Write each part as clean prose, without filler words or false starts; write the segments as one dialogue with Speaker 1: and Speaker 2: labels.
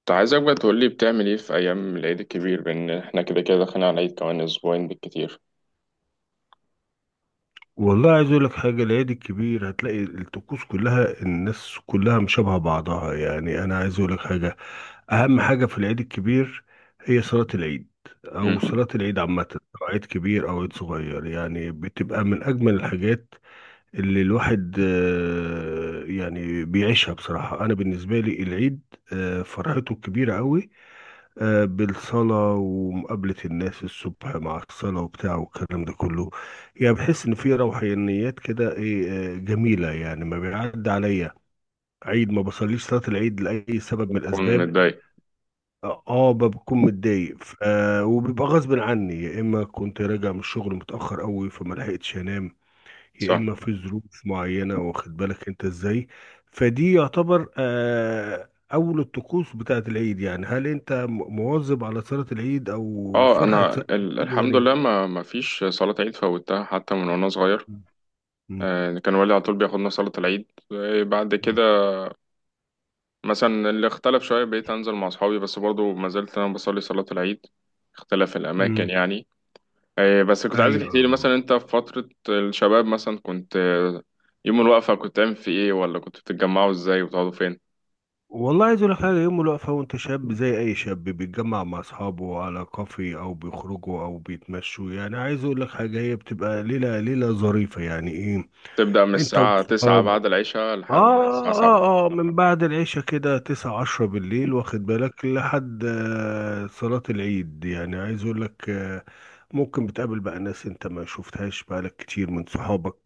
Speaker 1: كنت عايزك بقى تقولي بتعمل ايه في ايام العيد الكبير، بان احنا كده كده داخلين على العيد كمان اسبوعين بالكتير.
Speaker 2: والله عايز اقول لك حاجه. العيد الكبير هتلاقي الطقوس كلها الناس كلها مشابهه بعضها، يعني انا عايز اقول لك حاجه، اهم حاجه في العيد الكبير هي صلاه العيد، او
Speaker 1: امم.
Speaker 2: صلاه العيد عامه، سواء عيد كبير او عيد صغير. يعني بتبقى من اجمل الحاجات اللي الواحد يعني بيعيشها. بصراحه انا بالنسبه لي العيد فرحته كبيره قوي، بالصلاة ومقابلة الناس الصبح مع الصلاة وبتاع والكلام ده كله. يعني بحس إن في روحانيات كده، إيه، جميلة، يعني ما بيعدي عليا عيد ما بصليش صلاة العيد لأي سبب من
Speaker 1: بكون
Speaker 2: الأسباب.
Speaker 1: متضايق.
Speaker 2: آه آه، بكون متضايق، وبيبقى غصب عني، يا إما كنت راجع من الشغل متأخر أوي فما لحقتش أنام، يا
Speaker 1: صح.
Speaker 2: اما في ظروف معينه، واخد بالك انت ازاي. فدي يعتبر اول الطقوس بتاعت العيد. يعني هل انت مواظب على صلاه العيد او
Speaker 1: اه،
Speaker 2: فرحه
Speaker 1: انا
Speaker 2: صلاه العيد؟
Speaker 1: الحمد
Speaker 2: يعني
Speaker 1: لله ما فيش صلاة عيد فوتها حتى من وانا صغير.
Speaker 2: مم.
Speaker 1: كان والدي على طول بياخدنا صلاة العيد. بعد
Speaker 2: مم.
Speaker 1: كده مثلا اللي اختلف شوية بقيت انزل مع اصحابي، بس برضو ما زلت انا بصلي صلاة العيد. اختلف الاماكن
Speaker 2: مم.
Speaker 1: يعني. بس كنت عايزك
Speaker 2: ايوه.
Speaker 1: تحكي لي مثلا، انت في فترة الشباب مثلا كنت يوم الوقفة كنت تعمل في ايه، ولا كنت بتتجمعوا ازاي وتقعدوا فين؟
Speaker 2: والله عايز اقول لك حاجه، يوم الوقفه وانت شاب زي اي شاب، بيتجمع مع اصحابه على كافي او بيخرجوا او بيتمشوا. يعني عايز اقول لك حاجه، هي بتبقى ليله ليله ظريفه. يعني ايه؟
Speaker 1: تبدأ من
Speaker 2: انت
Speaker 1: الساعة 9
Speaker 2: واصحابك
Speaker 1: بعد العشاء لحد الساعة 7.
Speaker 2: اه من بعد العشاء كده، تسعة عشرة بالليل واخد بالك، لحد صلاة العيد. يعني عايز اقول لك ممكن بتقابل بقى ناس انت ما شفتهاش بقالك كتير من صحابك،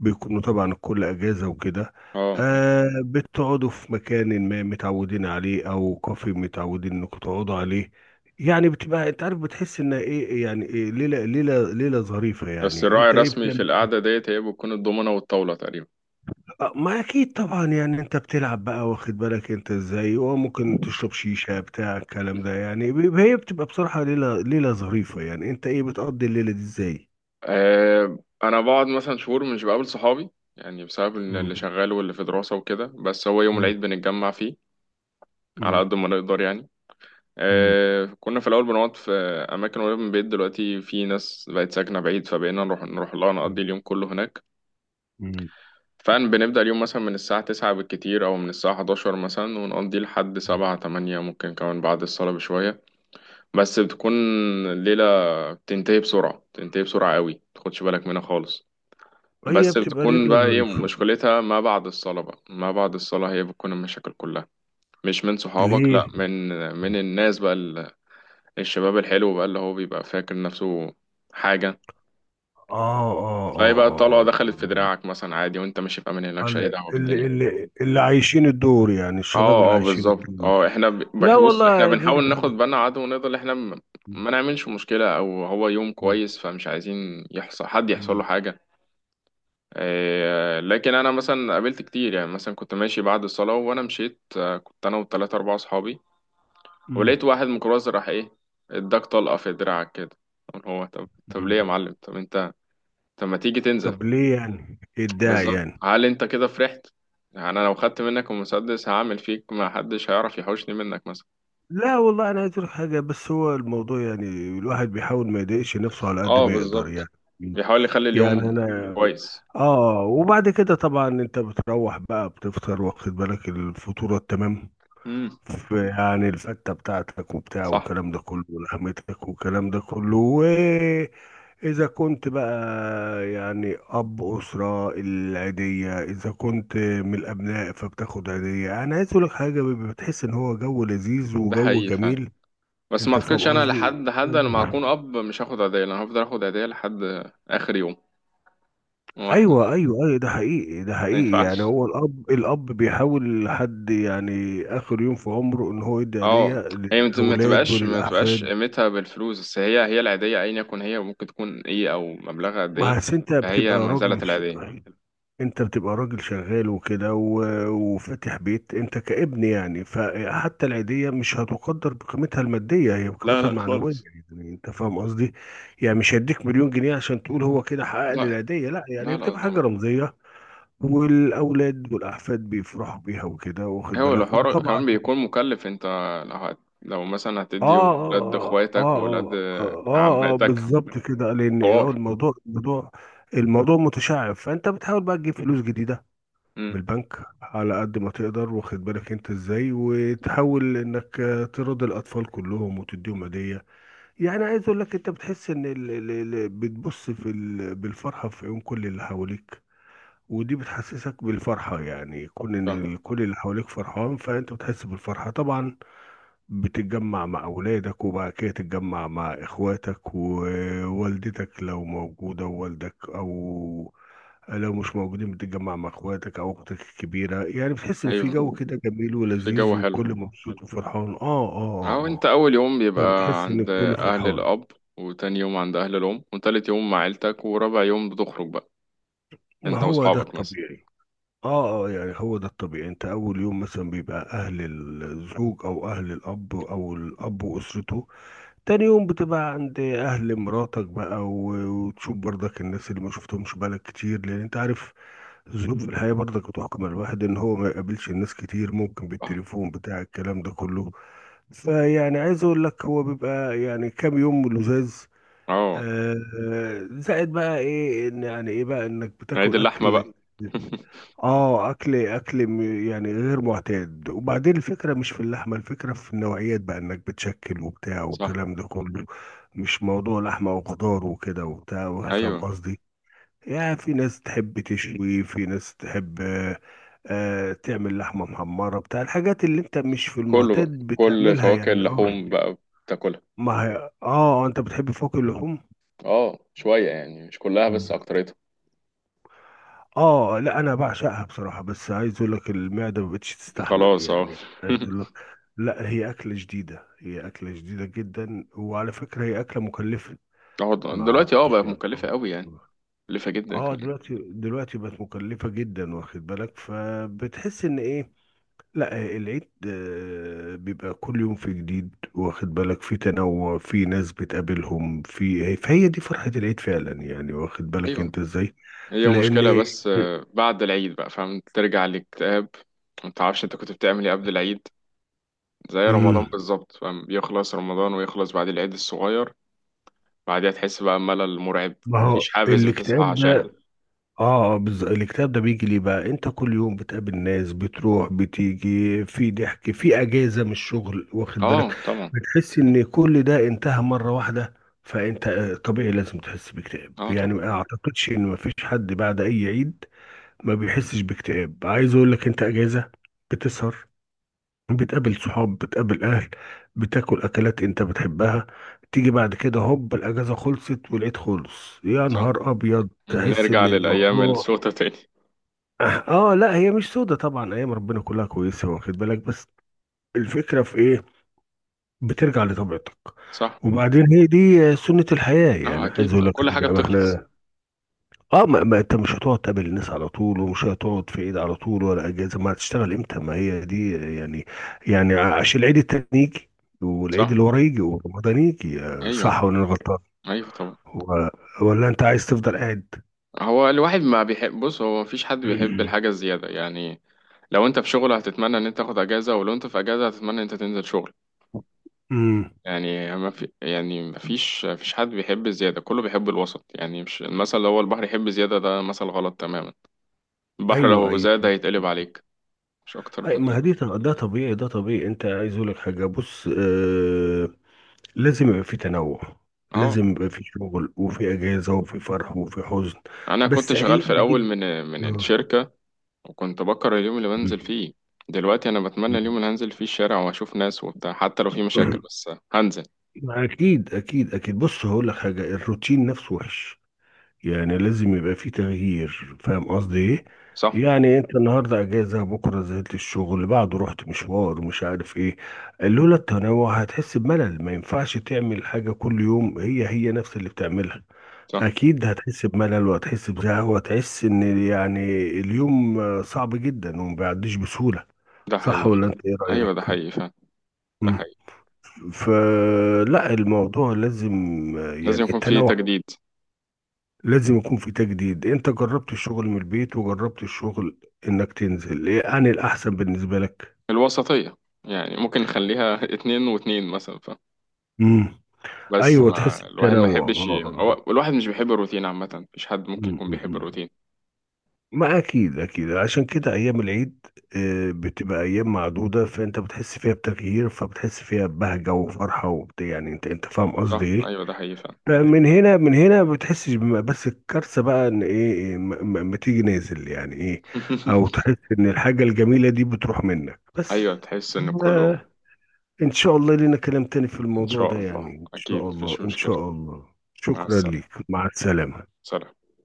Speaker 2: بيكونوا طبعا الكل اجازة وكده.
Speaker 1: اه،
Speaker 2: آه، بتقعدوا في مكان ما متعودين عليه او كافي متعودين انكم تقعدوا عليه. يعني بتبقى، انت عارف، بتحس انها ايه، يعني إيه، ليلة ظريفة.
Speaker 1: بس
Speaker 2: يعني
Speaker 1: الراعي
Speaker 2: انت ايه
Speaker 1: الرسمي في
Speaker 2: بتعمل؟
Speaker 1: القعدة ديت هي بتكون الضمنة والطاولة تقريبا.
Speaker 2: آه، ما اكيد طبعا. يعني انت بتلعب بقى، واخد بالك انت ازاي، وممكن تشرب شيشة بتاع الكلام ده. يعني هي بتبقى بصراحة ليلة ليلة ظريفة. يعني انت ايه بتقضي الليلة دي ازاي؟
Speaker 1: أنا بقعد مثلا شهور مش بقابل صحابي، يعني بسبب إن اللي
Speaker 2: مم.
Speaker 1: شغال واللي في دراسة وكده. بس هو يوم
Speaker 2: مم.
Speaker 1: العيد بنتجمع فيه على
Speaker 2: مم.
Speaker 1: قد ما نقدر يعني.
Speaker 2: مم.
Speaker 1: كنا في الأول بنقعد في أماكن قريبة من البيت. دلوقتي في ناس بقت ساكنة بعيد، فبقينا نروح لها،
Speaker 2: مم.
Speaker 1: نقضي اليوم كله هناك.
Speaker 2: مم.
Speaker 1: فعلا بنبدأ اليوم مثلا من الساعة 9 بالكتير أو من الساعة 11 مثلا، ونقضي لحد 7 8، ممكن كمان بعد الصلاة بشوية. بس بتكون الليلة بتنتهي بسرعة، بتنتهي بسرعة قوي، متاخدش بالك منها خالص.
Speaker 2: هي
Speaker 1: بس
Speaker 2: بتبقى
Speaker 1: بتكون
Speaker 2: ليلة
Speaker 1: بقى ايه
Speaker 2: ظريفة.
Speaker 1: مشكلتها؟ ما بعد الصلاة بقى، ما بعد الصلاة هي بتكون المشاكل كلها. مش من صحابك، لأ،
Speaker 2: ليه؟
Speaker 1: من
Speaker 2: مم.
Speaker 1: الناس بقى، الشباب الحلو بقى اللي هو بيبقى فاكر نفسه حاجة. تلاقي بقى الطلقة
Speaker 2: اه
Speaker 1: دخلت في دراعك مثلا عادي، وانت ماشي في أمان الله، مالكش أي دعوة بالدنيا.
Speaker 2: اللي عايشين الدور، يعني الشباب
Speaker 1: اه
Speaker 2: اللي
Speaker 1: اه،
Speaker 2: عايشين
Speaker 1: بالظبط. اه
Speaker 2: الدور.
Speaker 1: احنا
Speaker 2: لا
Speaker 1: بص، احنا
Speaker 2: والله دور
Speaker 1: بنحاول ناخد
Speaker 2: حاجة.
Speaker 1: بالنا على قد ما نقدر. احنا
Speaker 2: مم.
Speaker 1: ما نعملش مشكلة، او هو يوم كويس فمش عايزين يحصل حد، يحصل له
Speaker 2: مم.
Speaker 1: حاجة. إيه، لكن انا مثلا قابلت كتير. يعني مثلا كنت ماشي بعد الصلاة وانا مشيت، كنت انا و3 4 اصحابي، ولقيت
Speaker 2: مم.
Speaker 1: واحد ميكروباص راح ايه؟ اداك طلقة في دراعك كده. قلت هو طب ليه
Speaker 2: مم.
Speaker 1: يا معلم؟ طب انت، طب ما تيجي تنزل؟
Speaker 2: طب ليه يعني اتضايق
Speaker 1: بالظبط،
Speaker 2: يعني؟
Speaker 1: هل انت كده فرحت؟ يعني انا لو خدت منك المسدس هعمل فيك ما حدش هيعرف يحوشني منك مثلا.
Speaker 2: لا والله انا عايز أقول حاجه، بس هو الموضوع يعني، الواحد بيحاول ما يضايقش نفسه على قد
Speaker 1: اه،
Speaker 2: ما يقدر
Speaker 1: بالظبط.
Speaker 2: يعني.
Speaker 1: بيحاول يخلي
Speaker 2: يعني
Speaker 1: اليوم
Speaker 2: انا
Speaker 1: كويس.
Speaker 2: اه. وبعد كده طبعا انت بتروح بقى بتفطر، واخد بالك، الفطوره التمام،
Speaker 1: امم.
Speaker 2: في يعني الفته بتاعتك وبتاع
Speaker 1: صح.
Speaker 2: والكلام ده كله، ولحمتك والكلام ده كله. إذا كنت بقى يعني أب أسرة، العيدية إذا كنت من الأبناء فبتاخد عيدية. أنا عايز أقولك حاجة، بيبقى بتحس إن هو جو لذيذ
Speaker 1: ده
Speaker 2: وجو
Speaker 1: حقيقي فعلا.
Speaker 2: جميل.
Speaker 1: بس ما
Speaker 2: أنت فاهم
Speaker 1: اعتقدش. انا
Speaker 2: قصدي؟
Speaker 1: لحد حد، انا لما اكون
Speaker 2: يعني
Speaker 1: اب مش هاخد هديه. انا هفضل اخد هديه لحد اخر يوم. هو احنا
Speaker 2: أيوه أيوه أيوه، ده حقيقي ده
Speaker 1: ما
Speaker 2: حقيقي. يعني
Speaker 1: ينفعش.
Speaker 2: هو الأب، الأب بيحاول لحد يعني آخر يوم في عمره إن هو يدي هدية
Speaker 1: اه. هي ما
Speaker 2: للأولاد
Speaker 1: تبقاش ما تبقاش
Speaker 2: وللأحفاد.
Speaker 1: قيمتها بالفلوس، بس هي العيديه ايا يكن هي، ممكن تكون ايه او مبلغها قد ايه.
Speaker 2: ما أصل أنت بتبقى
Speaker 1: فهي ما زالت
Speaker 2: راجل،
Speaker 1: العيديه.
Speaker 2: انت بتبقى راجل شغال وكده، وفاتح بيت انت كابن، يعني فحتى العيدية مش هتقدر بقيمتها المادية، هي
Speaker 1: لا
Speaker 2: بقيمتها
Speaker 1: لا
Speaker 2: المعنوية.
Speaker 1: خالص.
Speaker 2: يعني انت فاهم قصدي، يعني مش هيديك مليون جنيه عشان تقول هو كده حقق لي
Speaker 1: لا
Speaker 2: العيدية، لا، يعني هي
Speaker 1: لا لا
Speaker 2: بتبقى حاجة
Speaker 1: طبعا.
Speaker 2: رمزية. والاولاد والاحفاد بيفرحوا بيها وكده، واخد
Speaker 1: هو
Speaker 2: بالك،
Speaker 1: الحوار
Speaker 2: وطبعا
Speaker 1: كمان بيكون مكلف. انت لو لو مثلا هتدي ولاد اخواتك وولاد
Speaker 2: آه،
Speaker 1: عماتك،
Speaker 2: بالظبط كده. لان
Speaker 1: حوار.
Speaker 2: الموضوع، الموضوع، الموضوع متشعب، فانت بتحاول بقى تجيب فلوس جديدة من
Speaker 1: امم.
Speaker 2: البنك على قد ما تقدر، واخد بالك انت ازاي، وتحاول انك ترضي الاطفال كلهم وتديهم هديه. يعني عايز اقول لك، انت بتحس ان ال ال ال بتبص في ال بالفرحه في عيون كل اللي حواليك. ودي بتحسسك بالفرحه، يعني كون ان
Speaker 1: صح.
Speaker 2: كل اللي حواليك فرحان، فانت بتحس بالفرحه طبعا. بتتجمع مع أولادك، وبعد كده تتجمع مع إخواتك ووالدتك لو موجودة ووالدك، أو لو مش موجودين بتتجمع مع إخواتك أو أختك الكبيرة. يعني بتحس إن في
Speaker 1: ايوه،
Speaker 2: جو كده جميل
Speaker 1: في جو
Speaker 2: ولذيذ، والكل
Speaker 1: حلو.
Speaker 2: مبسوط وفرحان.
Speaker 1: اهو، انت اول يوم
Speaker 2: آه،
Speaker 1: بيبقى
Speaker 2: بتحس إن
Speaker 1: عند
Speaker 2: الكل
Speaker 1: اهل
Speaker 2: فرحان.
Speaker 1: الاب، وتاني يوم عند اهل الام، وتالت يوم مع عيلتك، ورابع يوم بتخرج بقى
Speaker 2: ما
Speaker 1: انت
Speaker 2: هو ده
Speaker 1: واصحابك مثلا.
Speaker 2: الطبيعي. يعني هو ده الطبيعي. أنت أول يوم مثلا بيبقى أهل الزوج أو أهل الأب أو الأب وأسرته. تاني يوم بتبقى عند أهل مراتك بقى، وتشوف برضك الناس اللي ما شفتهمش بقالك كتير، لأن أنت عارف ظروف الحياة برضك بتحكم على الواحد إن هو ما يقابلش الناس كتير، ممكن
Speaker 1: صح.
Speaker 2: بالتليفون بتاع الكلام ده كله. فيعني عايز أقول لك، هو بيبقى يعني كام يوم لزاز،
Speaker 1: اه،
Speaker 2: آه، زائد بقى إيه، إن يعني إيه بقى، إنك
Speaker 1: عيد
Speaker 2: بتاكل
Speaker 1: اللحمه
Speaker 2: أكل
Speaker 1: بقى.
Speaker 2: اه، يعني غير معتاد. وبعدين الفكره مش في اللحمه، الفكره في النوعيات بقى، انك بتشكل وبتاع
Speaker 1: صح.
Speaker 2: والكلام ده كله. مش موضوع لحمه وخضار وكده وبتاع، فاهم
Speaker 1: ايوه.
Speaker 2: قصدي؟ يعني في ناس تحب تشوي، في ناس تحب تعمل لحمه محمره بتاع، الحاجات اللي انت مش في
Speaker 1: كله
Speaker 2: المعتاد
Speaker 1: بقى كل
Speaker 2: بتعملها
Speaker 1: فواكه
Speaker 2: يعني. اه،
Speaker 1: اللحوم بقى بتاكلها.
Speaker 2: ما هي اه، انت بتحب فوق اللحوم.
Speaker 1: اه، شويه يعني، مش كلها بس اكتريتها.
Speaker 2: اه لا انا بعشقها بصراحه، بس عايز اقول لك المعده ما بقتش تستحمل،
Speaker 1: خلاص. اه.
Speaker 2: يعني عايز اقول لك، لا هي اكله جديده، هي اكله جديده جدا، وعلى فكره هي اكله مكلفه.
Speaker 1: اه،
Speaker 2: ما
Speaker 1: دلوقتي بقى
Speaker 2: اعرفش
Speaker 1: مكلفة
Speaker 2: اه.
Speaker 1: قوي يعني. مكلفة جدا كمان.
Speaker 2: دلوقتي بقت مكلفه جدا، واخد بالك، فبتحس ان ايه. لا العيد بيبقى كل يوم في جديد، واخد بالك، في تنوع، في ناس بتقابلهم، في فهي دي فرحه العيد فعلا، يعني واخد بالك
Speaker 1: ايوه.
Speaker 2: انت ازاي.
Speaker 1: هي مشكلة،
Speaker 2: لان
Speaker 1: بس بعد العيد بقى، فاهم؟ ترجع للاكتئاب. ما تعرفش انت كنت بتعمل ايه قبل العيد. زي رمضان بالظبط، فاهم؟ يخلص رمضان ويخلص بعد العيد الصغير بعدها تحس بقى ملل مرعب.
Speaker 2: ما هو
Speaker 1: مفيش حافز بتصحى
Speaker 2: الاكتئاب ده.
Speaker 1: عشانه.
Speaker 2: اه، بالظبط. الاكتئاب ده بيجي ليه بقى؟ انت كل يوم بتقابل ناس، بتروح بتيجي، في ضحك، في اجازه من الشغل، واخد بالك،
Speaker 1: اه طبعا.
Speaker 2: بتحس ان كل ده انتهى مره واحده. فانت طبيعي لازم تحس باكتئاب.
Speaker 1: اه
Speaker 2: يعني
Speaker 1: طبعا.
Speaker 2: ما اعتقدش ان ما فيش حد بعد اي عيد ما بيحسش باكتئاب. عايز اقول لك، انت اجازه، بتسهر، بتقابل صحاب، بتقابل اهل، بتاكل اكلات انت بتحبها. تيجي بعد كده هوب، الاجازه خلصت والعيد خلص، يا
Speaker 1: صح،
Speaker 2: نهار ابيض، تحس
Speaker 1: نرجع
Speaker 2: ان
Speaker 1: للأيام
Speaker 2: الموضوع
Speaker 1: السودة تاني.
Speaker 2: اه لا، هي مش سودة طبعا، ايام ربنا كلها كويسه، واخد بالك. بس الفكره في ايه، بترجع لطبيعتك.
Speaker 1: صح.
Speaker 2: وبعدين هي دي سنه الحياه.
Speaker 1: اه
Speaker 2: يعني
Speaker 1: اكيد،
Speaker 2: عايز اقول لك
Speaker 1: كل حاجة
Speaker 2: إن
Speaker 1: بتخلص.
Speaker 2: إحنا اه ما انت مش هتقعد تقابل الناس على طول، ومش هتقعد في عيد على طول ولا اجازه، ما هتشتغل امتى؟ ما هي دي يعني، يعني عشان العيد التاني يجي، والعيد
Speaker 1: صح.
Speaker 2: اللي وراه يجي، ورمضان يجي،
Speaker 1: ايوه
Speaker 2: صح ولا انا غلطان؟
Speaker 1: ايوه طبعا.
Speaker 2: و- ولا انت عايز تفضل قاعد؟
Speaker 1: هو الواحد ما بيحب، بص، هو مفيش حد بيحب الحاجة الزيادة يعني. لو انت في شغل هتتمنى ان انت تاخد اجازه، ولو انت في اجازه هتتمنى ان انت تنزل شغل.
Speaker 2: امم،
Speaker 1: يعني ما في، يعني ما فيش حد بيحب الزياده. كله بيحب الوسط يعني. مش المثل اللي هو البحر يحب زياده ده، مثل غلط تماما. البحر
Speaker 2: ايوه
Speaker 1: لو
Speaker 2: ايوه.
Speaker 1: زاد هيتقلب عليك. مش اكتر
Speaker 2: أي،
Speaker 1: من
Speaker 2: ما هي
Speaker 1: كده.
Speaker 2: دي ده طبيعي، ده طبيعي. انت عايز اقول لك حاجه، بص لازم يبقى في تنوع.
Speaker 1: اه.
Speaker 2: لازم يبقى في شغل وفي اجازه وفي فرح وفي حزن.
Speaker 1: انا كنت
Speaker 2: بس
Speaker 1: شغال
Speaker 2: ايام
Speaker 1: في الاول
Speaker 2: العيد،
Speaker 1: من
Speaker 2: آه.
Speaker 1: الشركه، وكنت بكره اليوم اللي بنزل فيه. دلوقتي انا بتمنى
Speaker 2: مم.
Speaker 1: اليوم اللي هنزل فيه الشارع واشوف ناس وبتاع، حتى لو في مشاكل بس هنزل.
Speaker 2: ما اكيد اكيد اكيد. بص هقول لك حاجه، الروتين نفسه وحش. يعني لازم يبقى فيه تغيير، فاهم قصدي ايه؟
Speaker 1: صح.
Speaker 2: يعني انت النهارده اجازه، بكره نزلت الشغل، بعده رحت مشوار مش عارف ايه. لولا التنوع هتحس بملل. ما ينفعش تعمل حاجه كل يوم هي هي نفس اللي بتعملها،
Speaker 1: صح،
Speaker 2: اكيد هتحس بملل، وهتحس بزهق، وهتحس ان يعني اليوم صعب جدا وما بيعديش بسهوله.
Speaker 1: ده
Speaker 2: صح
Speaker 1: حقيقي
Speaker 2: ولا
Speaker 1: فعلا.
Speaker 2: انت ايه
Speaker 1: ايوه، ده
Speaker 2: رايك؟
Speaker 1: حقيقي فعلا. ده حقيقي.
Speaker 2: فلا، الموضوع لازم
Speaker 1: لازم
Speaker 2: يعني
Speaker 1: يكون في
Speaker 2: التنوع.
Speaker 1: تجديد.
Speaker 2: لازم يكون في تجديد. انت جربت الشغل من البيت، وجربت الشغل انك تنزل، ايه عن الاحسن بالنسبة لك؟
Speaker 1: الوسطية، يعني ممكن نخليها 2 و2 مثلا،
Speaker 2: امم،
Speaker 1: بس
Speaker 2: ايوه، تحس
Speaker 1: ما الواحد ما
Speaker 2: بتنوع
Speaker 1: يحبش
Speaker 2: آه.
Speaker 1: هو الواحد مش بيحب الروتين عامة، مفيش حد ممكن يكون بيحب
Speaker 2: م.
Speaker 1: الروتين.
Speaker 2: ما اكيد اكيد، عشان كده ايام العيد بتبقى ايام معدودة، فانت بتحس فيها بتغيير، فبتحس فيها ببهجة وفرحة وبتاع. يعني انت انت فاهم قصدي
Speaker 1: صح.
Speaker 2: ايه؟
Speaker 1: أيوة، ده حقيقي فعلا.
Speaker 2: فمن هنا، من هنا، ما بتحسش بس الكارثه بقى ان ايه، إيه، ما تيجي نازل. يعني ايه، او تحس ان الحاجه الجميله دي بتروح منك بس.
Speaker 1: أيوة، تحس إن كله.
Speaker 2: آه، ان شاء الله لينا كلام تاني في
Speaker 1: إن
Speaker 2: الموضوع ده،
Speaker 1: شاء
Speaker 2: يعني
Speaker 1: الله.
Speaker 2: ان
Speaker 1: أكيد
Speaker 2: شاء الله
Speaker 1: مفيش
Speaker 2: ان
Speaker 1: مشكلة.
Speaker 2: شاء الله.
Speaker 1: مع
Speaker 2: شكرا
Speaker 1: السلامة.
Speaker 2: ليك، مع السلامه.
Speaker 1: سلام.